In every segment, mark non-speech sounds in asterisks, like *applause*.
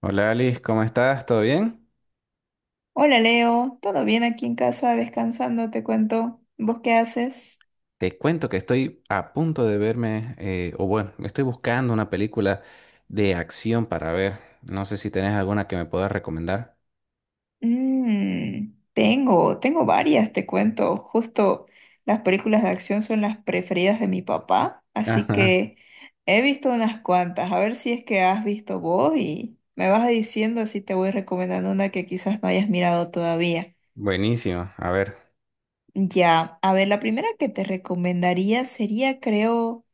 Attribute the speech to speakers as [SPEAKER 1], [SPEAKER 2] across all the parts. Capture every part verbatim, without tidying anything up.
[SPEAKER 1] Hola Alice, ¿cómo estás? ¿Todo bien?
[SPEAKER 2] Hola Leo, ¿todo bien aquí en casa? Descansando, te cuento. ¿Vos qué haces?
[SPEAKER 1] Te cuento que estoy a punto de verme, eh, o bueno, estoy buscando una película de acción para ver. No sé si tenés alguna que me puedas recomendar.
[SPEAKER 2] Mm, tengo, tengo varias, te cuento. Justo las películas de acción son las preferidas de mi papá, así
[SPEAKER 1] Ajá.
[SPEAKER 2] que he visto unas cuantas. A ver si es que has visto vos y me vas diciendo así te voy recomendando una que quizás no hayas mirado todavía.
[SPEAKER 1] *laughs* Buenísimo. A ver,
[SPEAKER 2] Ya, a ver, la primera que te recomendaría sería, creo,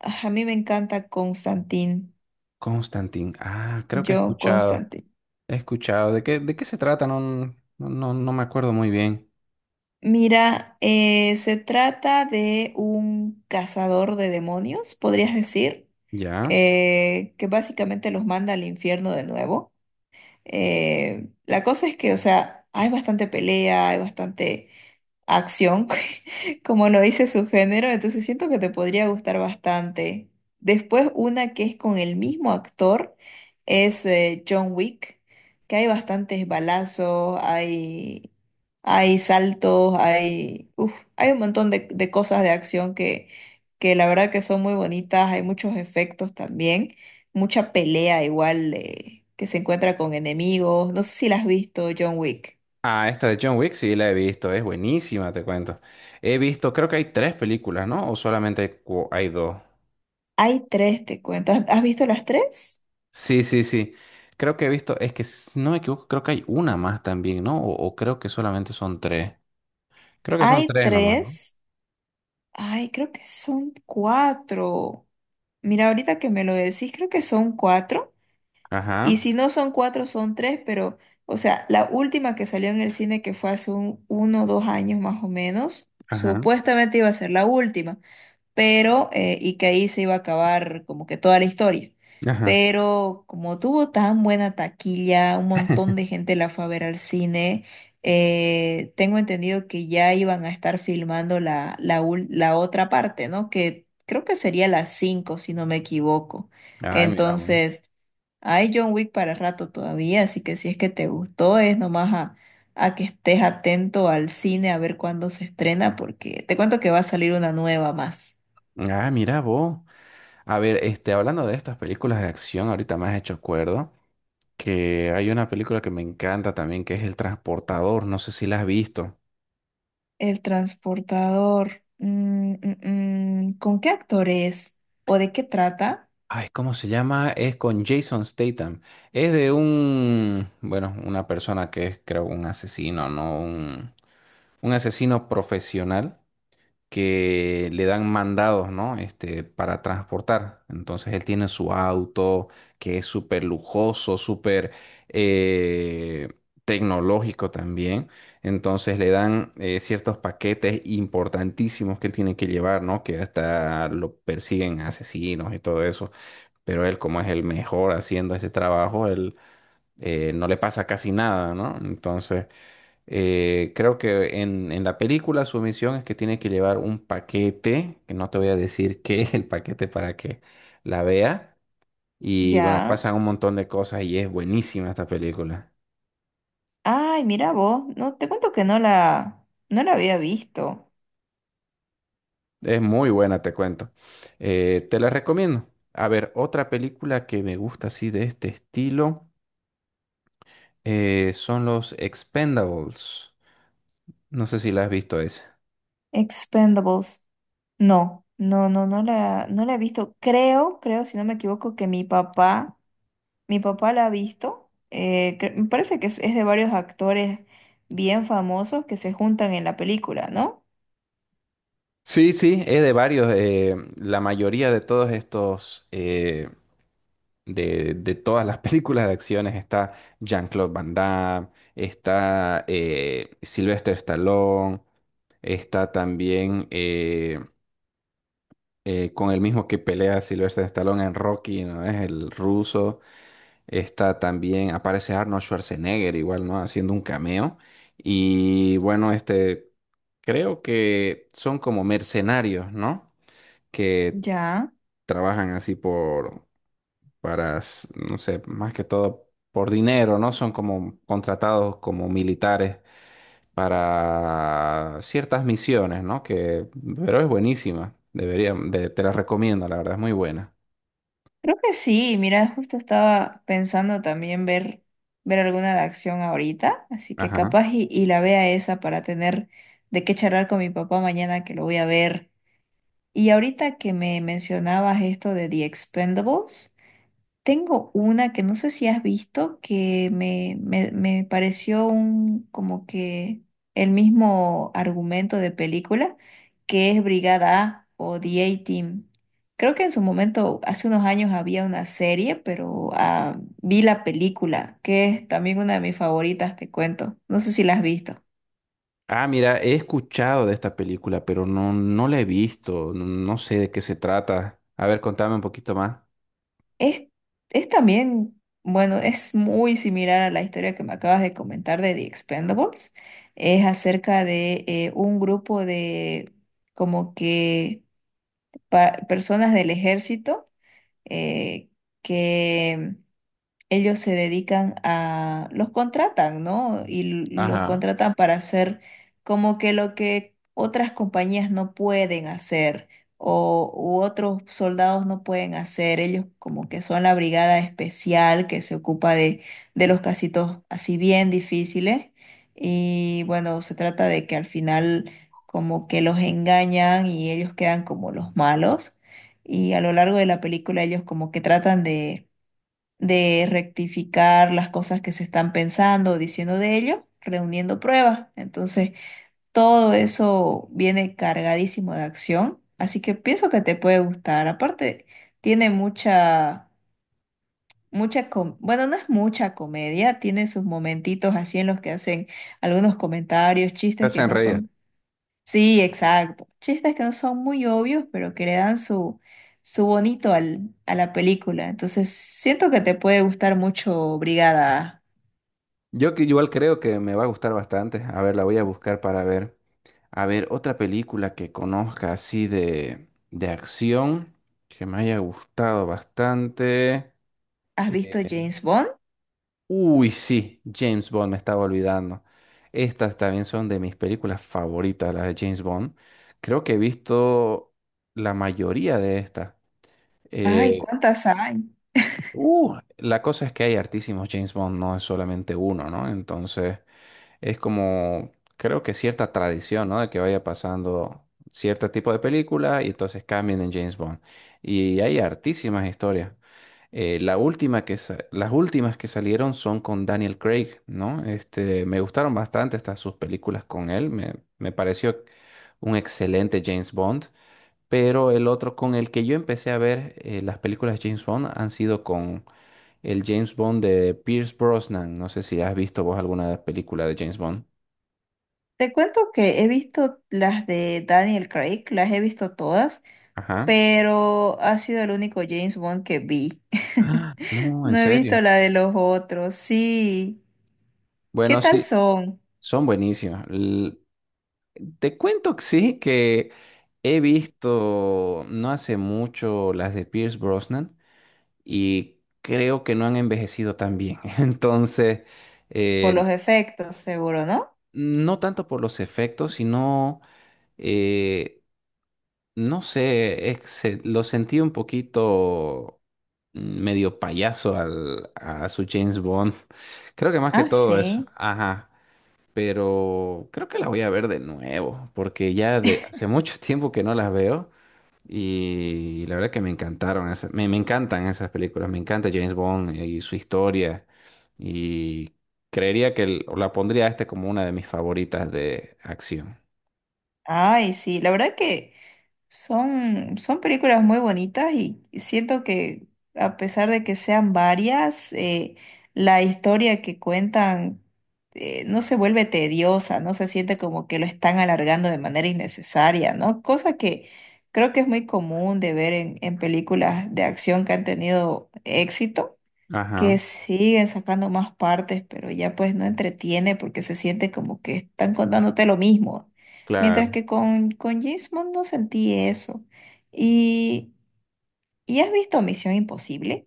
[SPEAKER 2] ah, a mí me encanta Constantine.
[SPEAKER 1] Constantine. Ah, creo que he
[SPEAKER 2] Yo,
[SPEAKER 1] escuchado.
[SPEAKER 2] Constantine.
[SPEAKER 1] He escuchado. ¿De qué, de qué se trata? No, no, no no me acuerdo muy bien.
[SPEAKER 2] Mira, eh, se trata de un cazador de demonios, podrías decir,
[SPEAKER 1] ¿Ya?
[SPEAKER 2] eh, que básicamente los manda al infierno de nuevo. Eh, la cosa es que, o sea, hay bastante pelea, hay bastante acción, *laughs* como lo dice su género, entonces siento que te podría gustar bastante. Después, una que es con el mismo actor es eh, John Wick, que hay bastantes balazos, hay... Hay saltos, hay, uf, hay un montón de, de cosas de acción que, que la verdad que son muy bonitas, hay muchos efectos también, mucha pelea igual eh, que se encuentra con enemigos. No sé si la has visto, John Wick.
[SPEAKER 1] Ah, esta de John Wick sí la he visto. Es buenísima, te cuento. He visto, creo que hay tres películas, ¿no? ¿O solamente cu- hay dos?
[SPEAKER 2] Hay tres, te cuento. ¿Has has visto las tres?
[SPEAKER 1] Sí, sí, sí. Creo que he visto, es que si no me equivoco, creo que hay una más también, ¿no? O, o creo que solamente son tres. Creo que son
[SPEAKER 2] Hay
[SPEAKER 1] tres nomás, ¿no?
[SPEAKER 2] tres. Ay, creo que son cuatro. Mira, ahorita que me lo decís, creo que son cuatro. Y
[SPEAKER 1] Ajá,
[SPEAKER 2] si no son cuatro, son tres, pero, o sea, la última que salió en el cine, que fue hace un, uno o dos años más o menos,
[SPEAKER 1] ajá,
[SPEAKER 2] supuestamente iba a ser la última, pero, eh, y que ahí se iba a acabar como que toda la historia.
[SPEAKER 1] ajá.
[SPEAKER 2] Pero como tuvo tan buena taquilla, un montón de gente la fue a ver al cine, eh, tengo entendido que ya iban a estar filmando la, la, ul- la otra parte, ¿no? Que creo que sería las cinco, si no me equivoco.
[SPEAKER 1] Ay, mira vos.
[SPEAKER 2] Entonces... Hay John Wick para rato todavía, así que si es que te gustó, es nomás a, a que estés atento al cine a ver cuándo se estrena, porque te cuento que va a salir una nueva más.
[SPEAKER 1] Ah, mira vos. A ver, este, hablando de estas películas de acción, ahorita me has hecho acuerdo que hay una película que me encanta también, que es El Transportador. No sé si la has visto.
[SPEAKER 2] El transportador. Mm, mm, mm, ¿con qué actor es? ¿O de qué trata?
[SPEAKER 1] Ay, ¿cómo se llama? Es con Jason Statham. Es de un, bueno, una persona que es, creo, un asesino, ¿no? Un... un asesino profesional que le dan mandados, ¿no? Este, para transportar. Entonces él tiene su auto que es súper lujoso, súper eh, tecnológico también. Entonces le dan eh, ciertos paquetes importantísimos que él tiene que llevar, ¿no? Que hasta lo persiguen asesinos y todo eso. Pero él, como es el mejor haciendo ese trabajo, él eh, no le pasa casi nada, ¿no? Entonces... Eh, creo que en, en la película su misión es que tiene que llevar un paquete, que no te voy a decir *laughs* qué es el paquete para que la vea. Y bueno,
[SPEAKER 2] Ya.
[SPEAKER 1] pasan un montón de cosas y es buenísima esta película.
[SPEAKER 2] Ay, mira vos. No, te cuento que no la, no la había visto.
[SPEAKER 1] Es muy buena, te cuento. Eh, te la recomiendo. A ver, otra película que me gusta así de este estilo eh, son los Expendables. No sé si la has visto esa.
[SPEAKER 2] Expendables. No, no, no, no la, no la he visto. Creo, creo, si no me equivoco, que mi papá. Mi papá la ha visto. Eh, cre- me parece que es, es de varios actores bien famosos que se juntan en la película, ¿no?
[SPEAKER 1] Sí, sí, es de varios. Eh, la mayoría de todos estos eh, de, de todas las *laughs* películas de acciones está Jean-Claude Van Damme, está eh, Sylvester Stallone, está también eh, eh, con el mismo que pelea Sylvester Stallone en Rocky, ¿no? Es el ruso. Está también, aparece Arnold Schwarzenegger igual, ¿no? Haciendo un cameo. Y bueno, este, creo que son como mercenarios, ¿no? Que
[SPEAKER 2] Ya.
[SPEAKER 1] trabajan así por para, s- no sé, más que todo por dinero, ¿no? Son como contratados como militares para ciertas misiones, ¿no? Que, pero es buenísima. Debería, de- te la recomiendo, la verdad, es muy buena.
[SPEAKER 2] Creo que sí. Mira, justo estaba pensando también ver, ver alguna de acción ahorita. Así que
[SPEAKER 1] Ajá.
[SPEAKER 2] capaz y, y la vea esa para tener de qué charlar con mi papá mañana que lo voy a ver. Y ahorita que me mencionabas esto de The Expendables. Tengo una que no sé si has visto, que me, me, me pareció un, como que el mismo argumento de película, que es Brigada A o The A-Team. Creo que en su momento, hace unos años, había una serie, pero ah, vi la película, que es también una de mis favoritas, te cuento. No sé si la has visto.
[SPEAKER 1] Ah, mira, he escuchado de esta película, pero no, no la he visto. No, no sé de qué se trata. A ver, contame un poquito más.
[SPEAKER 2] Es, es también, bueno, es muy similar a la historia que me acabas de comentar de The Expendables. Es acerca de eh, un grupo de como que pa- personas del ejército eh, que ellos se dedican a, los contratan, ¿no? Y l- los
[SPEAKER 1] Ajá.
[SPEAKER 2] contratan para hacer como que lo que otras compañías no pueden hacer o u otros soldados no pueden hacer. Ellos como que son la brigada especial que se ocupa de, de los casitos así bien difíciles. Y bueno, se trata de que al final como que los engañan y ellos quedan como los malos. Y a lo largo de la película ellos como que tratan de de rectificar las cosas que se están pensando o diciendo de ello, reuniendo pruebas. Entonces, todo eso viene cargadísimo de acción, así que pienso que te puede gustar. Aparte, tiene mucha, mucha, com- bueno, no es mucha comedia, tiene sus momentitos así en los que hacen algunos comentarios,
[SPEAKER 1] Te
[SPEAKER 2] chistes que
[SPEAKER 1] hacen
[SPEAKER 2] no
[SPEAKER 1] reír.
[SPEAKER 2] son... Sí, exacto. Chistes que no son muy obvios, pero que le dan su, su bonito al, a la película. Entonces, siento que te puede gustar mucho Brigada.
[SPEAKER 1] Yo que igual creo que me va a gustar bastante. A ver, la voy a buscar para ver. A ver, otra película que conozca así de, de acción que me haya gustado bastante.
[SPEAKER 2] ¿Has visto
[SPEAKER 1] Eh,
[SPEAKER 2] James Bond?
[SPEAKER 1] uy, sí, James Bond, me estaba olvidando. Estas también son de mis películas favoritas, las de James Bond. Creo que he visto la mayoría de estas.
[SPEAKER 2] Ay,
[SPEAKER 1] Eh,
[SPEAKER 2] ¿cuántas hay?
[SPEAKER 1] uh, la cosa es que hay hartísimos James Bond, no es solamente uno, ¿no? Entonces, es como, creo que cierta tradición, ¿no? De que vaya pasando cierto tipo de película y entonces cambien en James Bond. Y hay hartísimas historias. Eh, la última que sa- las últimas que salieron son con Daniel Craig, ¿no? Este, me gustaron bastante estas sus películas con él. Me, me pareció un excelente James Bond. Pero el otro con el que yo empecé a ver eh, las películas de James Bond han sido con el James Bond de Pierce Brosnan. No sé si has visto vos alguna película de James Bond.
[SPEAKER 2] Te cuento que he visto las de Daniel Craig, las he visto todas,
[SPEAKER 1] Ajá.
[SPEAKER 2] pero ha sido el único James Bond que vi. *laughs*
[SPEAKER 1] Ah, no, en
[SPEAKER 2] No he visto
[SPEAKER 1] serio.
[SPEAKER 2] la de los otros, sí. ¿Qué
[SPEAKER 1] Bueno,
[SPEAKER 2] tal
[SPEAKER 1] sí,
[SPEAKER 2] son?
[SPEAKER 1] son buenísimas. L- Te cuento que sí, que he visto no hace mucho las de Pierce Brosnan y creo que no han envejecido tan bien. *laughs* Entonces,
[SPEAKER 2] Por
[SPEAKER 1] eh,
[SPEAKER 2] los efectos, seguro, ¿no?
[SPEAKER 1] no tanto por los efectos, sino... eh, no sé, es que se- lo sentí un poquito mm, medio payaso al, a su James Bond. Creo que más que
[SPEAKER 2] Ah,
[SPEAKER 1] todo eso.
[SPEAKER 2] sí.
[SPEAKER 1] Ajá. Pero creo que la voy a ver de nuevo, porque ya de hace mucho *laughs* tiempo que no las veo y la verdad que me encantaron esas, me, me encantan esas películas, me encanta James Bond y su historia y creería que el- la pondría a este como una de mis favoritas de acción.
[SPEAKER 2] Ay, sí, la verdad que son, son películas muy bonitas y siento que a pesar de que sean varias, eh, la historia que cuentan eh, no se vuelve tediosa, no se siente como que lo están alargando de manera innecesaria, ¿no? Cosa que creo que es muy común de ver en, en películas de acción que han tenido éxito, que
[SPEAKER 1] Ajá,
[SPEAKER 2] siguen sacando más partes, pero ya pues no entretiene porque se siente como que están contándote lo mismo. Mientras
[SPEAKER 1] claro.
[SPEAKER 2] que con, con James Bond no sentí eso. ¿Y, ¿y has visto Misión Imposible?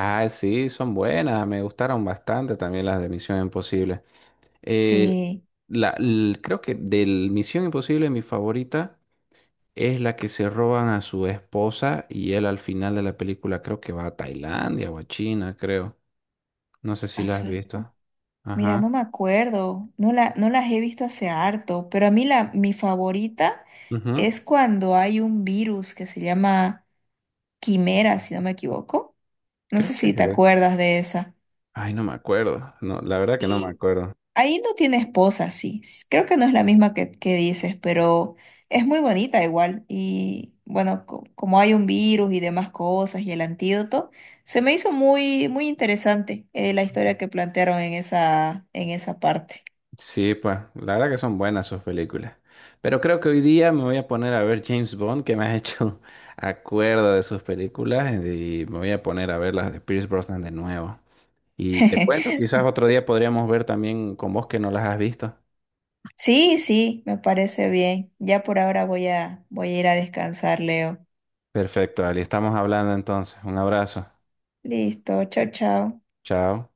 [SPEAKER 1] Ah, sí, son buenas, me gustaron bastante también las de Misión Imposible. Eh,
[SPEAKER 2] Sí,
[SPEAKER 1] la, l- creo que de Misión Imposible mi favorita es la que se roban a su esposa y él al final de la película creo que va a Tailandia o a China, creo. No sé si
[SPEAKER 2] a
[SPEAKER 1] la has
[SPEAKER 2] su esposa.
[SPEAKER 1] visto.
[SPEAKER 2] Mira, no
[SPEAKER 1] Ajá.
[SPEAKER 2] me acuerdo, no, la, no las he visto hace harto, pero a mí la, mi favorita
[SPEAKER 1] Ujú.
[SPEAKER 2] es cuando hay un virus que se llama Quimera, si no me equivoco. No sé
[SPEAKER 1] Creo que
[SPEAKER 2] si te
[SPEAKER 1] es.
[SPEAKER 2] acuerdas de esa.
[SPEAKER 1] Ay, no me acuerdo. No, la verdad que no me acuerdo.
[SPEAKER 2] Ahí no tiene esposa, sí. S- Creo que no es la misma que, que dices, pero es muy bonita igual. Y bueno, co- como hay un virus y demás cosas y el antídoto, se me hizo muy, muy interesante eh, la historia que plantearon en esa, en esa parte.
[SPEAKER 1] Sí, pues, la verdad que son buenas sus películas. Pero creo que hoy día me voy a poner a ver James Bond, que me ha hecho *laughs* acuerdo de sus películas, y me voy a poner a ver las de Pierce Brosnan de nuevo. Y te cuento,
[SPEAKER 2] *laughs*
[SPEAKER 1] quizás otro día podríamos ver también con vos que no las has visto.
[SPEAKER 2] Sí, sí, me parece bien. Ya por ahora voy a, voy a ir a descansar, Leo.
[SPEAKER 1] Perfecto, Ali, estamos hablando entonces. Un abrazo.
[SPEAKER 2] Listo, chao, chao.
[SPEAKER 1] Chao.